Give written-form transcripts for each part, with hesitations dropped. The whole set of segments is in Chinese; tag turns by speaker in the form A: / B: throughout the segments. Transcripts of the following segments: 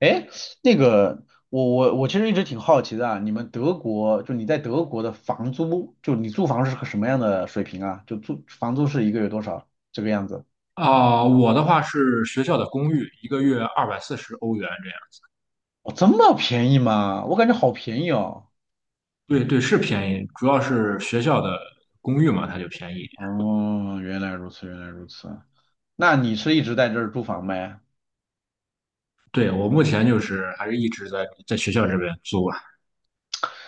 A: 哎，那个，我其实一直挺好奇的啊，你们德国，就你在德国的房租，就你租房是个什么样的水平啊？就租房租是一个月多少这个样子？
B: 我的话是学校的公寓，一个月240欧元这样。
A: 哦，这么便宜吗？我感觉好便宜哦。
B: 对对，是便宜，主要是学校的公寓嘛，它就便宜一点。
A: 哦，原来如此，原来如此。那你是一直在这儿租房呗？
B: 对，我目前就是还是一直在学校这边租啊。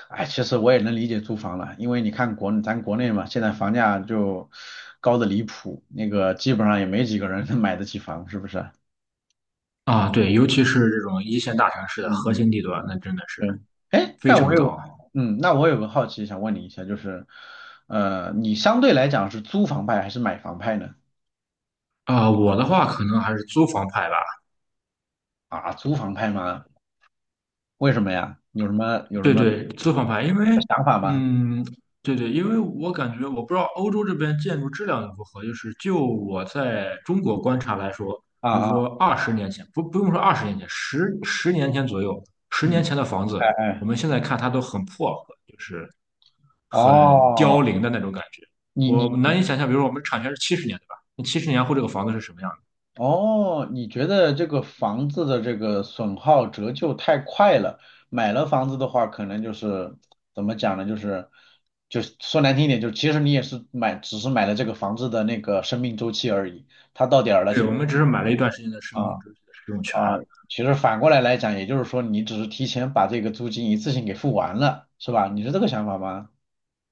A: 哎，其实我也能理解租房了，因为你看咱国内嘛，现在房价就高的离谱，那个基本上也没几个人能买得起房，是不是？
B: 啊，对，尤其是这种一线大城市的
A: 嗯
B: 核
A: 嗯，
B: 心地段，那真的是
A: 对，哎，
B: 非
A: 那我
B: 常高
A: 有，
B: 啊。
A: 嗯，那我有个好奇想问你一下，就是，你相对来讲是租房派还是买房派呢？
B: 我的话可能还是租房派吧，
A: 啊，租房派吗？为什么呀？有什么有什
B: 对
A: 么
B: 对，作房牌，因为
A: 想法吗？
B: 嗯，对对，因为我感觉我不知道欧洲这边建筑质量如何，就是就我在中国观察来说，
A: 啊
B: 比如
A: 啊，
B: 说二十年前，不用说二十年前，十年前左右，十
A: 嗯，
B: 年前的房子，
A: 哎
B: 我
A: 哎，
B: 们现在看它都很破和就是很
A: 哦，
B: 凋零的那种感觉。
A: 你你
B: 我难以想象，比如说我们产权是七十年，对吧？那七十年后这个房子是什么样
A: 哦，你觉得这个房子的这个损耗折旧太快了，买了房子的话，可能就是怎么讲呢？就是说难听一点，就其实你也是买，只是买了这个房子的那个生命周期而已，它到点儿了，
B: 的？对，
A: 其
B: 我
A: 实。
B: 们只是买了一段时间的生命
A: 啊
B: 周期的使用
A: 啊，
B: 权。
A: 其实反过来讲，也就是说你只是提前把这个租金一次性给付完了，是吧？你是这个想法吗？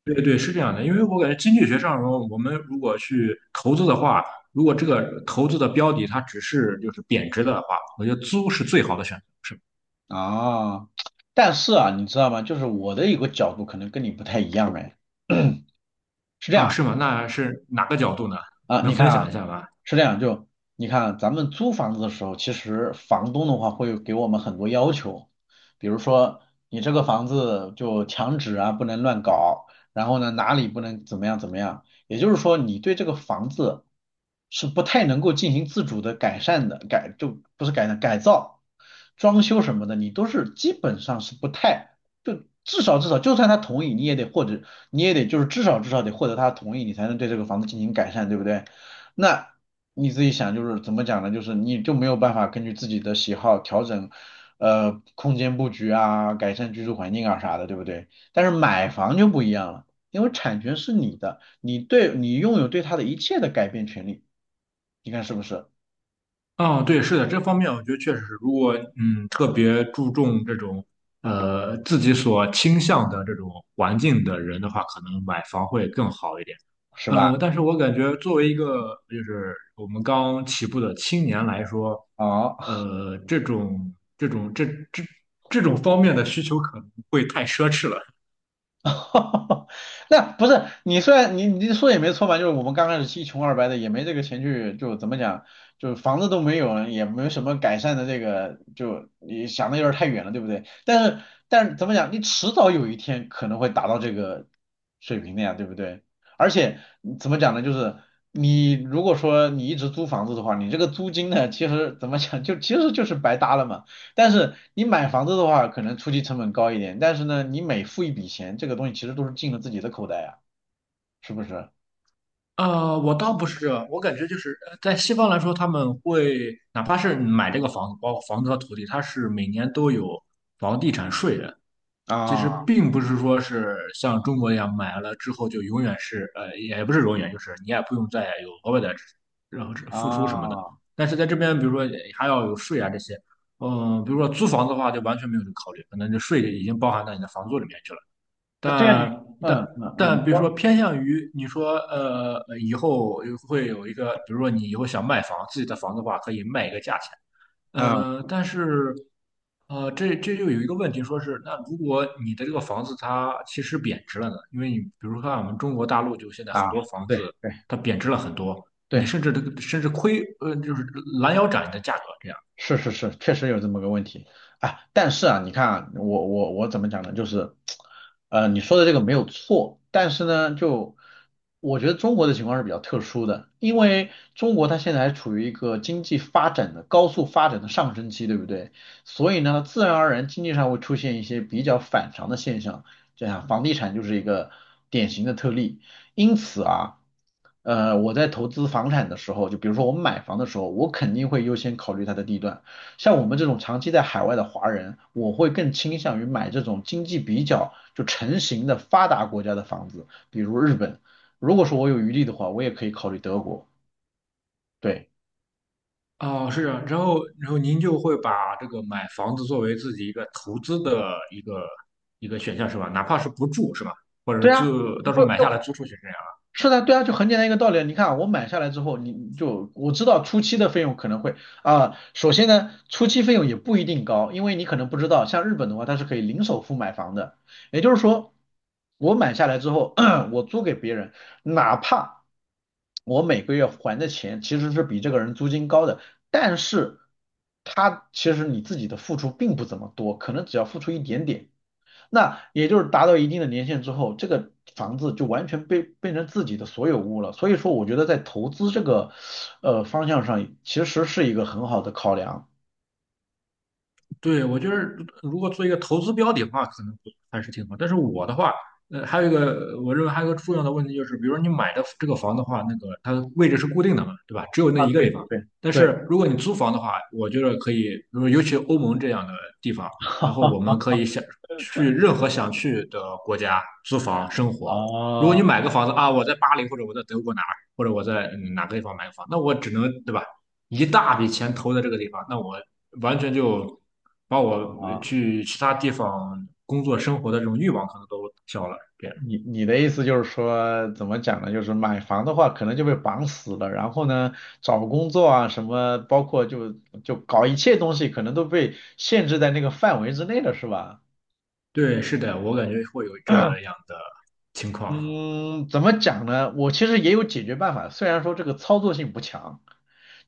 B: 对对，是这样的，因为我感觉经济学上，我们如果去投资的话，如果这个投资的标的它只是就是贬值的话，我觉得租是最好的选择，是吧。
A: 啊，但是啊，你知道吗？就是我的一个角度可能跟你不太一样哎，
B: 啊，是吗？那是哪个角度呢？
A: 啊，
B: 能
A: 你看
B: 分
A: 啊。
B: 享一下吗？
A: 是这样，就你看啊，咱们租房子的时候，其实房东的话会给我们很多要求，比如说你这个房子就墙纸啊不能乱搞，然后呢哪里不能怎么样怎么样，也就是说你对这个房子是不太能够进行自主的改善的，就不是改善改造、装修什么的，你都是基本上是不太就至少就算他同意，你也得就是至少得获得他同意，你才能对这个房子进行改善，对不对？那你自己想，就是怎么讲呢？就是你就没有办法根据自己的喜好调整，空间布局啊，改善居住环境啊啥的，对不对？但是买房就不一样了，因为产权是你的，你对你拥有对它的一切的改变权利，你看是不是？
B: 哦，对，是的，这方面我觉得确实是，如果特别注重这种自己所倾向的这种环境的人的话，可能买房会更好一点。
A: 是吧？
B: 但是我感觉作为一个就是我们刚起步的青年来说，
A: 好。
B: 呃，这种这种这这这种方面的需求可能会太奢侈了。
A: 那不是你虽然你说也没错嘛，就是我们刚开始一穷二白的，也没这个钱去，就怎么讲，就是房子都没有，也没什么改善的这个，就你想的有点太远了，对不对？但是怎么讲，你迟早有一天可能会达到这个水平的呀，对不对？而且怎么讲呢，就是你如果说你一直租房子的话，你这个租金呢，其实怎么讲，就其实就是白搭了嘛。但是你买房子的话，可能初期成本高一点，但是呢，你每付一笔钱，这个东西其实都是进了自己的口袋啊，是不是？
B: 我倒不是这样，我感觉就是在西方来说，他们会哪怕是买这个房子，包括房子和土地，它是每年都有房地产税的。其实
A: 啊
B: 并不是说是像中国一样买了之后就永远是也不是永远，就是你也不用再有额外的然后付出什么的。
A: 啊，
B: 但是在这边，比如说还要有税啊这些，比如说租房子的话就完全没有这个考虑，可能这税已经包含到你的房租里面去了。
A: 那对啊，你
B: 但但
A: 嗯嗯嗯，你
B: 但比如
A: 说
B: 说偏向于你说以后会有一个，比如说你以后想卖房，自己的房子的话可以卖一个价钱。
A: 嗯
B: 但是，这就有一个问题，说是那如果你的这个房子它其实贬值了呢？因为你比如说看我们中国大陆，就现在很
A: 啊，
B: 多房
A: 对
B: 子
A: 对
B: 它贬值了很多，你
A: 对。
B: 甚至亏，就是拦腰斩你的价格这样。
A: 是是是，确实有这么个问题啊。但是啊，你看啊，我怎么讲呢？就是，你说的这个没有错，但是呢，就我觉得中国的情况是比较特殊的，因为中国它现在还处于一个经济发展的高速发展的上升期，对不对？所以呢，自然而然经济上会出现一些比较反常的现象，就像房地产就是一个典型的特例。因此啊。我在投资房产的时候，就比如说我们买房的时候，我肯定会优先考虑它的地段。像我们这种长期在海外的华人，我会更倾向于买这种经济比较就成型的发达国家的房子，比如日本。如果说我有余力的话，我也可以考虑德国。对，
B: 哦，是啊，然后您就会把这个买房子作为自己一个投资的一个选项是吧？哪怕是不住是吧？或者
A: 对
B: 是
A: 啊，
B: 租，到时
A: 不，
B: 候买下
A: 就
B: 来租出去这样。
A: 是的，对啊，就很简单一个道理啊。你看啊我买下来之后，你就我知道初期的费用可能会啊、首先呢，初期费用也不一定高，因为你可能不知道，像日本的话，它是可以零首付买房的，也就是说，我买下来之后，我租给别人，哪怕我每个月还的钱其实是比这个人租金高的，但是他其实你自己的付出并不怎么多，可能只要付出一点点，那也就是达到一定的年限之后，这个房子就完全被变成自己的所有物了。所以说，我觉得在投资这个方向上，其实是一个很好的考量
B: 对，我觉得如果做一个投资标的的话，可能还是挺好。但是我的话，还有一个，我认为还有一个重要的问题就是，比如说你买的这个房的话，那个它的位置是固定的嘛，对吧？只有那
A: 啊。
B: 一个
A: 对
B: 地方。
A: 对
B: 但
A: 对，
B: 是如果你租房的话，我觉得可以，比如尤其欧盟这样的地方，然后
A: 哈
B: 我
A: 哈
B: 们可以想去任何想去的国家租房生活。如果
A: 啊
B: 你买个房子啊，我在巴黎或者我在德国哪儿，或者我在哪个地方买个房，那我只能对吧？一大笔钱投在这个地方，那我完全就把我
A: 啊，
B: 去其他地方工作生活的这种欲望可能都消了。这样，
A: 你的意思就是说，怎么讲呢？就是买房的话，可能就被绑死了，然后呢，找工作啊什么，包括就搞一切东西，可能都被限制在那个范围之内了，是吧？
B: 对，是的，我感觉会有这样的情况。
A: 嗯，怎么讲呢？我其实也有解决办法，虽然说这个操作性不强，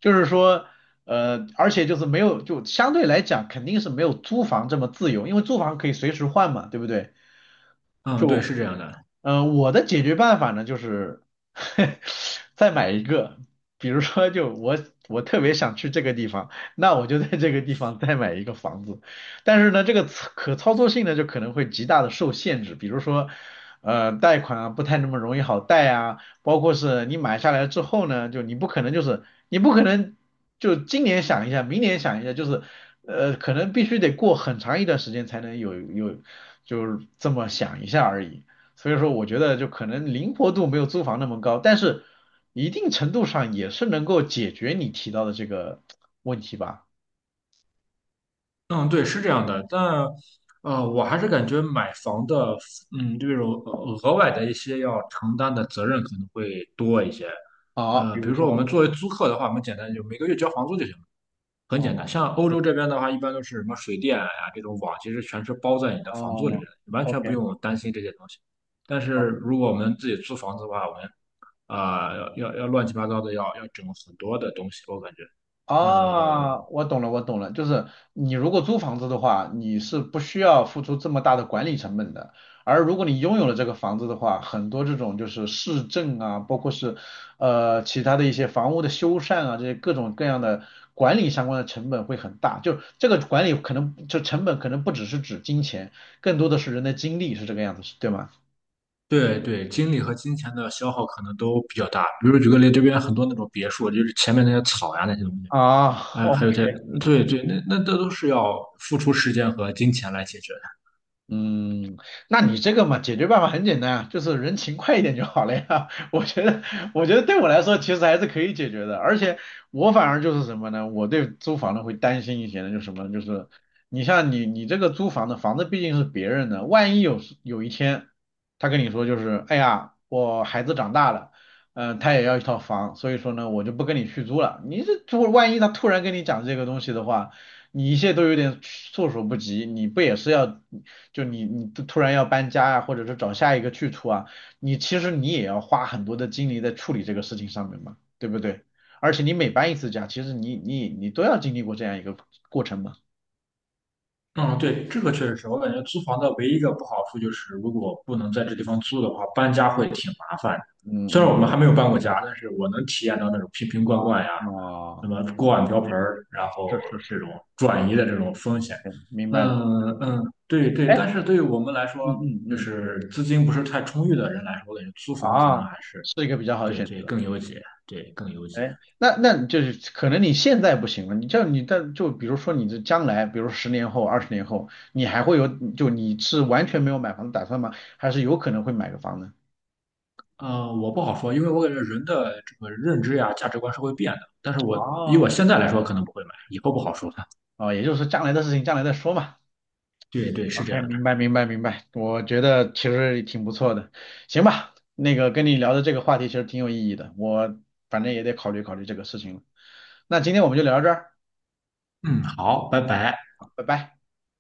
A: 就是说，而且就是没有，就相对来讲肯定是没有租房这么自由，因为租房可以随时换嘛，对不对？
B: 嗯，对，是这样的。
A: 我的解决办法呢，就是 再买一个，比如说就我特别想去这个地方，那我就在这个地方再买一个房子，但是呢，这个操可操作性呢就可能会极大的受限制，比如说贷款啊不太那么容易好贷啊，包括是你买下来之后呢，就你不可能就今年想一下，明年想一下，就是可能必须得过很长一段时间才能有就是这么想一下而已。所以说，我觉得就可能灵活度没有租房那么高，但是一定程度上也是能够解决你提到的这个问题吧。
B: 嗯，对，是这样的。但我还是感觉买房的，嗯，这种额外的一些要承担的责任可能会多一些。
A: 啊，比
B: 比
A: 如
B: 如说我
A: 说，
B: 们作为租客的话，我们简单就每个月交房租就行了。很
A: 哦，
B: 简单，像欧
A: 是
B: 洲
A: 的，
B: 这边的话，一般都是什么水电呀、这种网，其实全是包在你的房租里面
A: 哦
B: 的，你完
A: o
B: 全不
A: k
B: 用担心这些东西。但是
A: o
B: 如果我们自己租房子的话，我们要乱七八糟的，要整很多的东西，我感觉，呃，
A: 啊，我懂了，我懂了，就是你如果租房子的话，你是不需要付出这么大的管理成本的，而如果你拥有了这个房子的话，很多这种就是市政啊，包括是其他的一些房屋的修缮啊，这些各种各样的管理相关的成本会很大，就这个管理可能就成本可能不只是指金钱，更多的是人的精力，是这个样子，是对吗？
B: 对对，精力和金钱的消耗可能都比较大。比如举个例，这边很多那种别墅，就是前面那些草呀那些东西，
A: 啊
B: 哎，还有
A: ，OK，
B: 这，对对，那这都是要付出时间和金钱来解决。
A: 嗯，那你这个嘛，解决办法很简单啊，就是人勤快一点就好了呀。我觉得，我觉得对我来说其实还是可以解决的，而且我反而就是什么呢？我对租房的会担心一些呢，就是什么呢？就是你像你这个租房的房子毕竟是别人的，万一有一天他跟你说就是，哎呀，我孩子长大了，嗯、他也要一套房，所以说呢，我就不跟你续租了。你这如果万一他突然跟你讲这个东西的话，你一切都有点措手不及，你不也是要，就你突然要搬家啊，或者是找下一个去处啊，你其实你也要花很多的精力在处理这个事情上面嘛，对不对？而且你每搬一次家，其实你都要经历过这样一个过程嘛。
B: 嗯，对，这个确实是我感觉租房的唯一一个不好处就是，如果不能在这地方租的话，搬家会挺麻烦的。虽然
A: 嗯
B: 我们还没有搬过家，但是我能体验到那种瓶瓶罐罐呀，
A: 嗯，
B: 什
A: 哦，
B: 么锅碗瓢盆儿，然
A: 是
B: 后
A: 是
B: 这
A: 是
B: 种转移的这种风险。
A: ，OK，明白了。
B: 嗯嗯，对对，
A: 哎，
B: 但是对于我们来
A: 嗯
B: 说，
A: 嗯
B: 就
A: 嗯，
B: 是资金不是太充裕的人来说，我感觉租房可能
A: 啊，
B: 还是
A: 是一个比较好的
B: 对
A: 选
B: 对
A: 择。
B: 更优解，对更优解。
A: 哎，那那就是可能你现在不行了，你像你但就比如说你这将来，比如十年后、20年后，你还会有就你是完全没有买房的打算吗？还是有可能会买个房子？
B: 我不好说，因为我感觉人的这个认知呀、价值观是会变的。但是我以我
A: 哦，
B: 现在来说，可能不会买，以后不好说了。
A: 哦，也就是说将来的事情将来再说嘛。
B: 对对，是这
A: OK，
B: 样的。
A: 明白明白明白，我觉得其实也挺不错的，行吧，那个跟你聊的这个话题其实挺有意义的，我反正也得考虑考虑这个事情了。那今天我们就聊到这儿，
B: 嗯，好，拜拜。
A: 好拜拜。